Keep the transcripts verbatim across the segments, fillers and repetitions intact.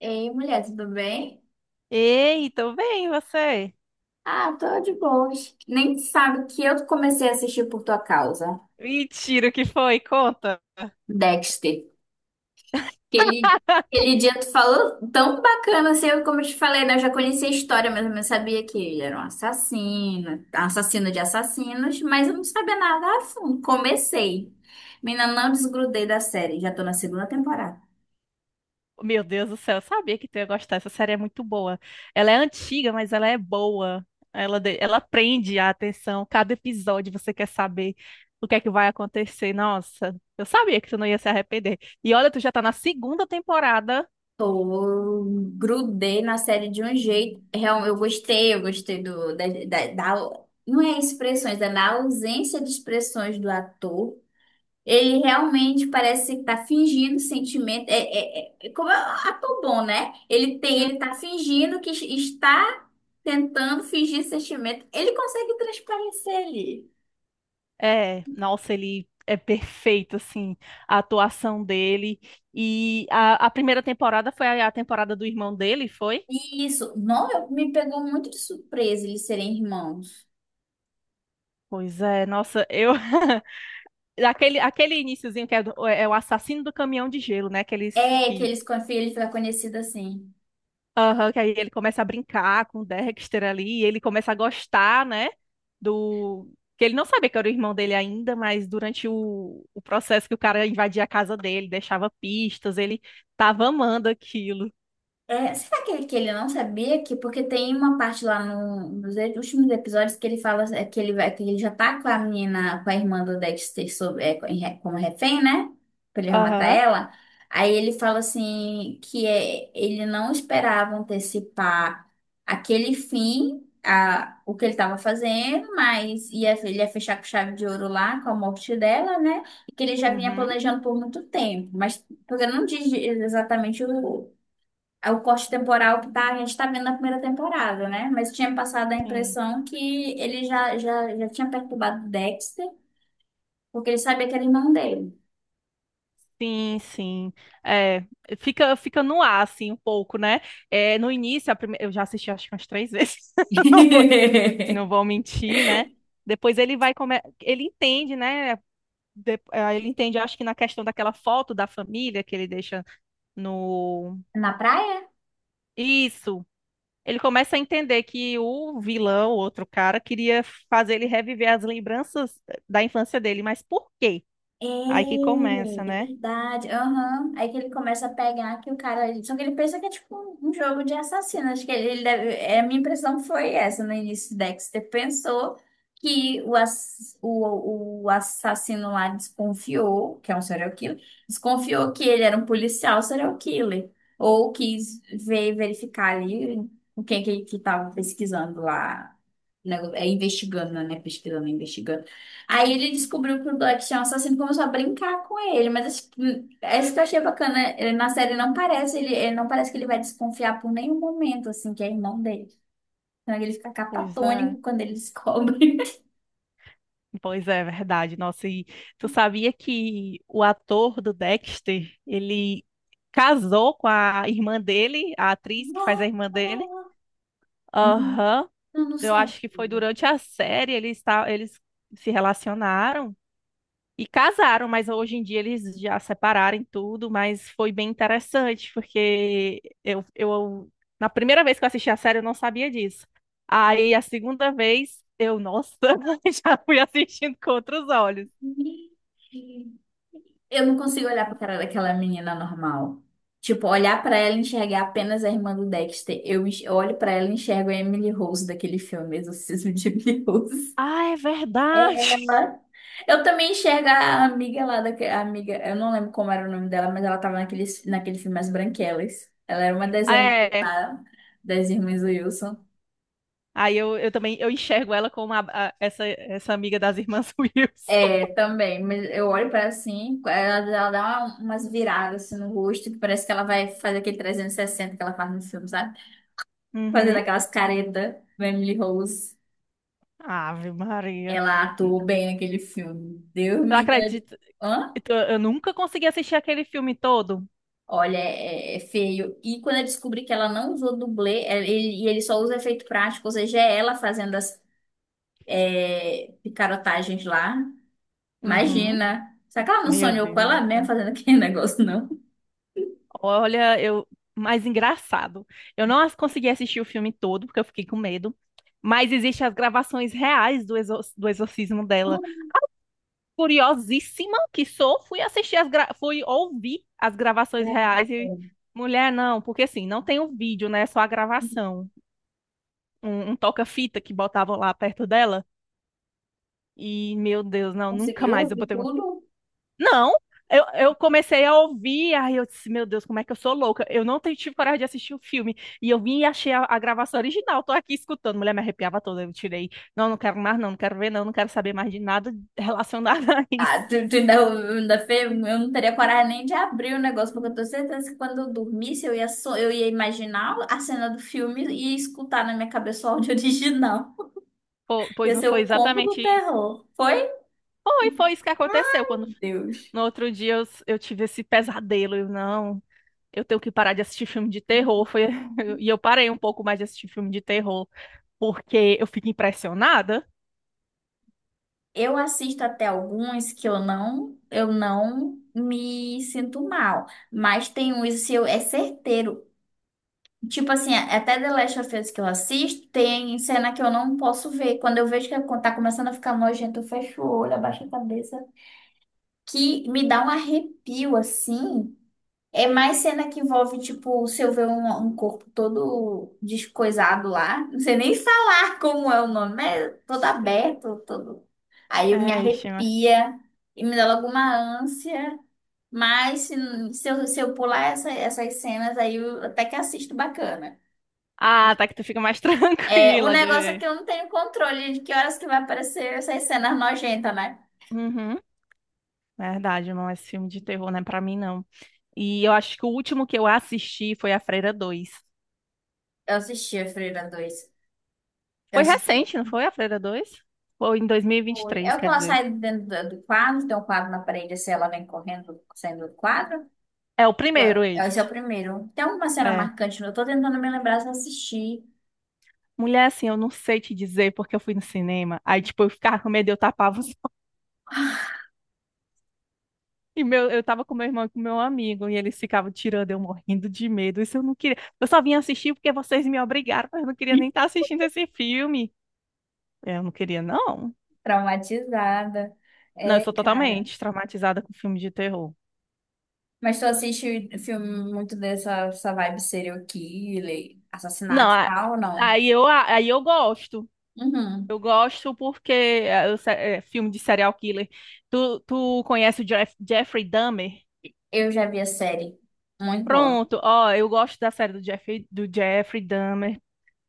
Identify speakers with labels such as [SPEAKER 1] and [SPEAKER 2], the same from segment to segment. [SPEAKER 1] Ei, mulher, tudo bem?
[SPEAKER 2] Ei, tô bem, e você?
[SPEAKER 1] Ah, tô de boas. Nem sabe que eu comecei a assistir por tua causa,
[SPEAKER 2] Mentira, o que foi? Conta.
[SPEAKER 1] Dexter. Aquele, aquele dia tu falou tão bacana, assim, eu- como eu te falei, né? Eu já conhecia a história, mas eu não sabia que ele era um assassino, assassino de assassinos, mas eu não sabia nada a fundo. Comecei. Menina, não desgrudei da série, já tô na segunda temporada.
[SPEAKER 2] Meu Deus do céu, eu sabia que tu ia gostar. Essa série é muito boa. Ela é antiga, mas ela é boa. Ela, de- ela prende a atenção. Cada episódio você quer saber o que é que vai acontecer. Nossa, eu sabia que tu não ia se arrepender. E olha, tu já tá na segunda temporada.
[SPEAKER 1] Pô, eu grudei na série de um jeito. Realmente, eu gostei, eu gostei. Do, da, da, da- Não é expressões, é na ausência de expressões do ator. Ele realmente parece que tá fingindo sentimento. É, é, é- é como é um ator bom, né? Ele tem,
[SPEAKER 2] Hum,
[SPEAKER 1] ele tá fingindo que está tentando fingir sentimento. Ele consegue transparecer ali.
[SPEAKER 2] É, nossa, ele é perfeito, assim, a atuação dele. E a, a primeira temporada foi a a temporada do irmão dele, foi?
[SPEAKER 1] E isso, não, eu- me pegou muito de surpresa eles serem irmãos.
[SPEAKER 2] Pois é, nossa, eu. Aquele, aquele iniciozinho que é, do- é é o assassino do caminhão de gelo, né? Aqueles
[SPEAKER 1] É que
[SPEAKER 2] que.
[SPEAKER 1] eles, ele fica conhecido assim.
[SPEAKER 2] Aham, que aí ele começa a brincar com o Dexter ali, e ele começa a gostar, né? Do. Que ele não sabia que era o irmão dele ainda, mas durante o, o processo que o cara invadia a casa dele, deixava pistas, ele tava amando aquilo.
[SPEAKER 1] É, será que, que ele não sabia, que porque tem uma parte lá no- nos últimos episódios que ele fala é, que ele vai, que ele já tá com a menina, com a irmã do Dexter sob- é, co- em re- como refém, né? Que Ele vai matar
[SPEAKER 2] Aham.
[SPEAKER 1] ela. Aí ele fala assim que é, ele não esperava antecipar aquele fim, a, o que ele estava fazendo, mas ia, ele ia fechar com chave de ouro lá com a morte dela, né? E que ele já vinha
[SPEAKER 2] Uhum.
[SPEAKER 1] planejando por muito tempo, mas porque não diz exatamente o é o corte temporal que tá, a gente tá vendo na primeira temporada, né? Mas tinha passado a
[SPEAKER 2] Sim.
[SPEAKER 1] impressão que ele já, já, já tinha perturbado o Dexter, porque ele sabia que era irmão dele.
[SPEAKER 2] Sim, sim. É, fica, fica no ar, assim, um pouco, né? É, no início, a prime- eu já assisti acho que umas três vezes, não vou, não vou mentir, né? Depois ele vai come... ele entende, né? De- eh, Ele entende, acho que na questão daquela foto da família que ele deixa no...
[SPEAKER 1] Na praia?
[SPEAKER 2] Isso. Ele começa a entender que o vilão, o outro cara, queria fazer ele reviver as lembranças da infância dele, mas por quê? Aí que
[SPEAKER 1] É,
[SPEAKER 2] começa,
[SPEAKER 1] é
[SPEAKER 2] né?
[SPEAKER 1] verdade. Aham. Aí que ele começa a pegar que o cara. Só que ele pensa que é tipo um jogo de assassino. Acho que ele ele deve. é, A minha impressão foi essa no início. Dexter pensou que o, ass... o, o assassino lá desconfiou, que é um serial killer, desconfiou que ele era um policial serial killer. Ou quis ver, verificar ali o que que, que tava pesquisando lá, né, é, investigando, né? Pesquisando, investigando. Aí ele descobriu que o Black tinha um assassino e começou a brincar com ele. Mas tipo, é isso que eu achei bacana, né? Ele, na série, não parece. Ele, ele não parece que ele vai desconfiar por nenhum momento, assim, que é irmão dele. Então ele fica
[SPEAKER 2] Pois é.
[SPEAKER 1] catatônico quando ele descobre.
[SPEAKER 2] Pois é, verdade. Nossa, e tu sabia que o ator do Dexter, ele casou com a irmã dele, a atriz que faz a
[SPEAKER 1] Não,
[SPEAKER 2] irmã dele? Aham.
[SPEAKER 1] eu não
[SPEAKER 2] Eu
[SPEAKER 1] sabia.
[SPEAKER 2] acho que foi durante a série, eles, esta- eles se relacionaram e casaram, mas hoje em dia eles já separaram e tudo, mas foi bem interessante, porque eu, eu na primeira vez que eu assisti a série eu não sabia disso. Aí a segunda vez eu, nossa, já fui assistindo com outros olhos.
[SPEAKER 1] Eu não consigo olhar pra cara daquela menina normal. Tipo, olhar pra ela e enxergar apenas a irmã do Dexter. Eu, enx- eu olho pra ela e enxergo a Emily Rose daquele filme Exorcismo de Emily Rose.
[SPEAKER 2] Ah, é verdade.
[SPEAKER 1] Ela- Eu também enxergo a amiga lá, daque- a amiga, eu não lembro como era o nome dela, mas ela tava naquele, naquele filme As Branquelas. Ela era uma das
[SPEAKER 2] Ah,
[SPEAKER 1] amigas
[SPEAKER 2] é.
[SPEAKER 1] lá, das irmãs Wilson.
[SPEAKER 2] Aí eu, eu também eu enxergo ela como a- a- essa, essa amiga das irmãs
[SPEAKER 1] É,
[SPEAKER 2] Wilson.
[SPEAKER 1] também, mas eu olho pra ela assim, ela, ela dá uma- umas viradas assim, no rosto, que parece que ela vai fazer aquele trezentos e sessenta que ela faz no filme, sabe? Fazendo
[SPEAKER 2] Uhum.
[SPEAKER 1] aquelas caretas, Emily Rose.
[SPEAKER 2] Ave Maria.
[SPEAKER 1] Ela
[SPEAKER 2] N-
[SPEAKER 1] atuou bem naquele filme. Deus
[SPEAKER 2] Eu
[SPEAKER 1] me...
[SPEAKER 2] acredito.
[SPEAKER 1] Hã?
[SPEAKER 2] Eu eu nunca consegui assistir aquele filme todo.
[SPEAKER 1] Olha, é, é feio. E quando eu descobri que ela não usou dublê, é, ele- e ele só usa efeito prático, ou seja, é ela fazendo as é, picarotagens lá.
[SPEAKER 2] Uhum.
[SPEAKER 1] Imagina. Será que ela não
[SPEAKER 2] Meu
[SPEAKER 1] sonhou com
[SPEAKER 2] Deus
[SPEAKER 1] ela
[SPEAKER 2] do
[SPEAKER 1] mesma
[SPEAKER 2] céu.
[SPEAKER 1] fazendo aquele negócio, não?
[SPEAKER 2] Olha, eu. Mais engraçado. Eu não as- Consegui assistir o filme todo, porque eu fiquei com medo. Mas existem as gravações reais do, exor- do exorcismo dela. Curiosíssima que sou, fui assistir as gra... fui ouvir as
[SPEAKER 1] É,
[SPEAKER 2] gravações reais e
[SPEAKER 1] é.
[SPEAKER 2] mulher não, porque assim, não tem o vídeo, né? é Só a gravação. Um, um toca-fita que botavam lá perto dela e meu Deus, não, nunca mais
[SPEAKER 1] Conseguiu
[SPEAKER 2] eu
[SPEAKER 1] e
[SPEAKER 2] botei um...
[SPEAKER 1] tudo?
[SPEAKER 2] Não, eu, eu comecei a ouvir, aí eu disse, meu Deus, como é que eu sou louca? Eu não te- Tive coragem de assistir o filme. E eu vim e achei a, a gravação original, tô aqui escutando. Mulher, me arrepiava toda, eu tirei. Não, não quero mais, não, não quero ver, não, não quero saber mais de nada relacionado a isso.
[SPEAKER 1] Ah, tu, tu ainda, ainda fez? Eu não teria coragem nem de abrir o negócio, porque eu tenho certeza que quando eu dormisse, eu ia, so- eu ia imaginar a cena do filme e escutar na minha cabeça o áudio original.
[SPEAKER 2] Po-
[SPEAKER 1] Ia
[SPEAKER 2] Pois não
[SPEAKER 1] ser
[SPEAKER 2] foi
[SPEAKER 1] o combo do
[SPEAKER 2] exatamente isso.
[SPEAKER 1] terror. Foi?
[SPEAKER 2] Foi, foi isso que aconteceu. Quando
[SPEAKER 1] Deus.
[SPEAKER 2] no outro dia eu, eu tive esse pesadelo. Eu não, eu tenho que parar de assistir filme de terror. Foi, e eu parei um pouco mais de assistir filme de terror, porque eu fico impressionada.
[SPEAKER 1] Eu assisto até alguns que eu não, eu não me sinto mal, mas tem uns que eu, é certeiro. Tipo assim, até The Last of Us que eu assisto, tem cena que eu não posso ver. Quando eu vejo que tá começando a ficar nojento, eu fecho o olho, abaixo a cabeça, que me dá um arrepio assim. É mais cena que envolve, tipo, se eu ver um, um corpo todo descoisado lá, não sei nem falar como é o nome, mas é todo aberto, todo. Aí eu me
[SPEAKER 2] É, ixi, mas-
[SPEAKER 1] arrepia e me dá logo uma ânsia. Mas se, se eu, se eu pular essa- essas cenas, aí eu até que assisto bacana.
[SPEAKER 2] Ah, tá que tu fica mais
[SPEAKER 1] É, o
[SPEAKER 2] tranquila de
[SPEAKER 1] negócio é que
[SPEAKER 2] ver.
[SPEAKER 1] eu não tenho controle de que horas que vai aparecer essas cenas nojentas, né?
[SPEAKER 2] Uhum, verdade, não é esse filme de terror, não é pra mim, não. E eu acho que o último que eu assisti foi A Freira dois.
[SPEAKER 1] Eu assisti a Freira dois. Eu
[SPEAKER 2] Foi
[SPEAKER 1] assisti.
[SPEAKER 2] recente, não foi? A Freira dois? Foi em dois mil e e vinte e
[SPEAKER 1] Foi. É
[SPEAKER 2] três,
[SPEAKER 1] o que
[SPEAKER 2] quer
[SPEAKER 1] ela
[SPEAKER 2] dizer.
[SPEAKER 1] sai de dentro do do quadro, tem um quadro na parede, assim, ela vem correndo, saindo do quadro.
[SPEAKER 2] É o primeiro,
[SPEAKER 1] Ué, Esse
[SPEAKER 2] esse.
[SPEAKER 1] é o primeiro. Tem alguma cena
[SPEAKER 2] É.
[SPEAKER 1] marcante? não? Eu tô tentando me lembrar se eu assisti.
[SPEAKER 2] Mulher, assim, eu não sei te dizer porque eu fui no cinema. Aí, tipo, eu ficava com medo, eu tapava os... E meu, eu tava com meu irmão e com meu amigo, e eles ficavam tirando, eu morrendo de medo. Isso eu não queria. Eu só vim assistir porque vocês me obrigaram, mas eu não queria nem estar assistindo esse filme. Eu não queria, não.
[SPEAKER 1] Traumatizada.
[SPEAKER 2] Não, eu
[SPEAKER 1] É,
[SPEAKER 2] sou
[SPEAKER 1] cara.
[SPEAKER 2] totalmente traumatizada com filme de terror.
[SPEAKER 1] Mas tu assiste filme muito dessa essa vibe serial killer,
[SPEAKER 2] Não,
[SPEAKER 1] assassinato e
[SPEAKER 2] a-
[SPEAKER 1] tal, ou não?
[SPEAKER 2] Aí eu, aí eu gosto.
[SPEAKER 1] Uhum.
[SPEAKER 2] Eu gosto porque é, eu se- é, filme de serial killer. Tu, tu conhece o Jeff- Jeffrey Dahmer?
[SPEAKER 1] Eu já vi a série. Muito boa.
[SPEAKER 2] Pronto, ó, eu gosto da série do Jeffrey, do Jeffrey Dahmer.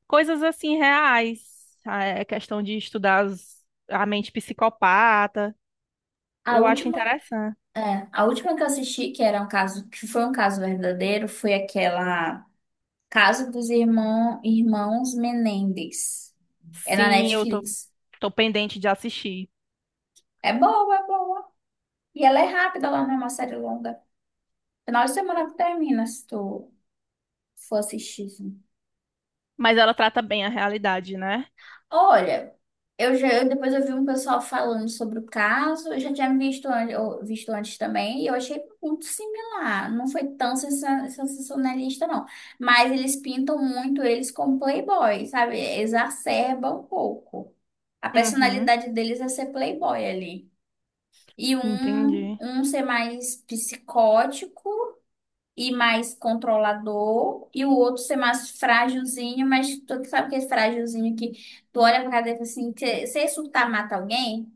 [SPEAKER 2] Coisas assim reais, a é questão de estudar as- a mente psicopata,
[SPEAKER 1] A
[SPEAKER 2] eu acho
[SPEAKER 1] última,
[SPEAKER 2] interessante.
[SPEAKER 1] é, a última que eu assisti, que era um caso, que foi um caso verdadeiro, foi aquela. Caso dos Irmão- Irmãos Menendez. É na
[SPEAKER 2] Sim, eu tô,
[SPEAKER 1] Netflix.
[SPEAKER 2] tô pendente de assistir,
[SPEAKER 1] É boa, é boa. E ela é rápida, ela não é uma série longa. Final de semana que termina, se tu for assistir, assim.
[SPEAKER 2] mas ela trata bem a realidade, né?
[SPEAKER 1] Olha, eu já, eu- depois eu vi um pessoal falando sobre o caso, eu já tinha visto, an- eu- visto antes também, e eu achei muito similar. Não foi tão sensa- sensacionalista, não. Mas eles pintam muito eles como playboy, sabe? Exacerbam um pouco. A
[SPEAKER 2] Uhum,
[SPEAKER 1] personalidade deles é ser playboy ali. E um,
[SPEAKER 2] entendi.
[SPEAKER 1] um ser mais psicótico e mais controlador, e o outro ser mais frágilzinho, mas tu sabe que é frágilzinho que tu olha pra cara dele e fala assim, se se surtar mata alguém,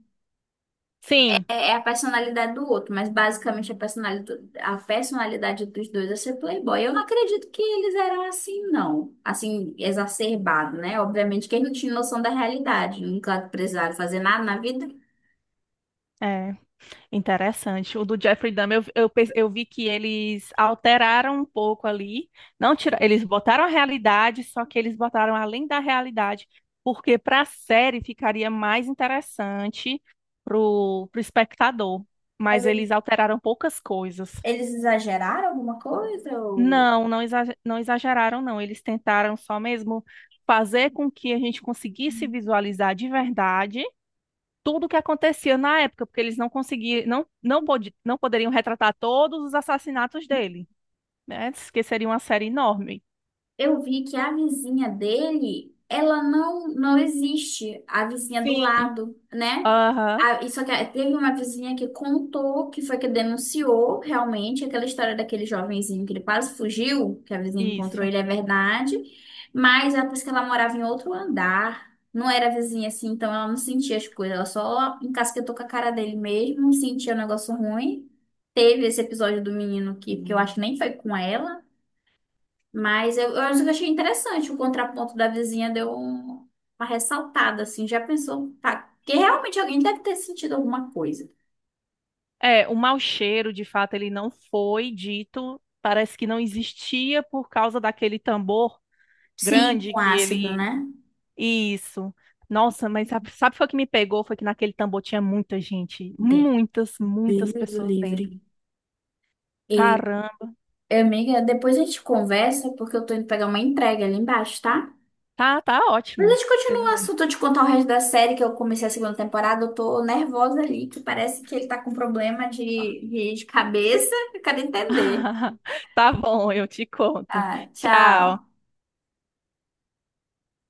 [SPEAKER 2] Sim,
[SPEAKER 1] é, é a personalidade do outro, mas basicamente a personalidade, a personalidade dos dois é ser playboy. Eu não acredito que eles eram assim, não. Assim, exacerbado, né? Obviamente que eles não tinham noção da realidade, nunca precisaram fazer nada na vida.
[SPEAKER 2] é. Interessante. O do Jeffrey Dahmer, eu, eu, pe- eu vi que eles alteraram um pouco ali. Não tira, eles botaram a realidade, só que eles botaram além da realidade, porque para a série ficaria mais interessante pro, pro espectador.
[SPEAKER 1] Mas
[SPEAKER 2] Mas
[SPEAKER 1] eles
[SPEAKER 2] eles alteraram poucas coisas.
[SPEAKER 1] eles exageraram alguma coisa? Ou.
[SPEAKER 2] Não, não, exa- não exageraram, não. Eles tentaram só mesmo fazer com que a gente conseguisse visualizar de verdade tudo o que acontecia na época, porque eles não conseguiam, não, não, podi- não poderiam retratar todos os assassinatos dele, né? Que seria uma série enorme.
[SPEAKER 1] Eu vi que a vizinha dele, ela não não existe, a vizinha do
[SPEAKER 2] Sim.
[SPEAKER 1] lado, né?
[SPEAKER 2] Aham,
[SPEAKER 1] A, e só que teve uma vizinha que contou, que foi que denunciou realmente aquela história daquele jovenzinho que ele quase fugiu, que a vizinha encontrou
[SPEAKER 2] isso.
[SPEAKER 1] ele, é verdade. Mas ela disse que ela morava em outro andar, não era vizinha assim, então ela não sentia as coisas, ela só encasquetou com a cara dele mesmo, sentia um negócio ruim. Teve esse episódio do menino que, que eu acho que nem foi com ela. Mas eu, eu acho que eu achei interessante o contraponto da vizinha, deu um- uma ressaltada, assim, já pensou, tá, que realmente alguém deve ter sentido alguma coisa.
[SPEAKER 2] É, o mau cheiro, de fato, ele não foi dito, parece que não existia por causa daquele tambor
[SPEAKER 1] Sim,
[SPEAKER 2] grande
[SPEAKER 1] com
[SPEAKER 2] que
[SPEAKER 1] ácido,
[SPEAKER 2] ele.
[SPEAKER 1] né?
[SPEAKER 2] Isso. Nossa, mas sabe, sabe foi o que me pegou? Foi que naquele tambor tinha muita gente,
[SPEAKER 1] De-
[SPEAKER 2] muitas, muitas
[SPEAKER 1] Deus o
[SPEAKER 2] pessoas dentro.
[SPEAKER 1] livre. E,
[SPEAKER 2] Caramba,
[SPEAKER 1] amiga, depois a gente conversa, porque eu tô indo pegar uma entrega ali embaixo, tá?
[SPEAKER 2] tá, tá
[SPEAKER 1] Mas a
[SPEAKER 2] ótimo.
[SPEAKER 1] gente
[SPEAKER 2] Pois
[SPEAKER 1] continua o
[SPEAKER 2] é.
[SPEAKER 1] assunto, eu te contar o resto da série, que eu comecei a segunda temporada, eu tô nervosa ali, que parece que ele tá com problema de, de de cabeça, eu quero entender.
[SPEAKER 2] Tá bom, eu te conto.
[SPEAKER 1] Ah, tchau.
[SPEAKER 2] Tchau.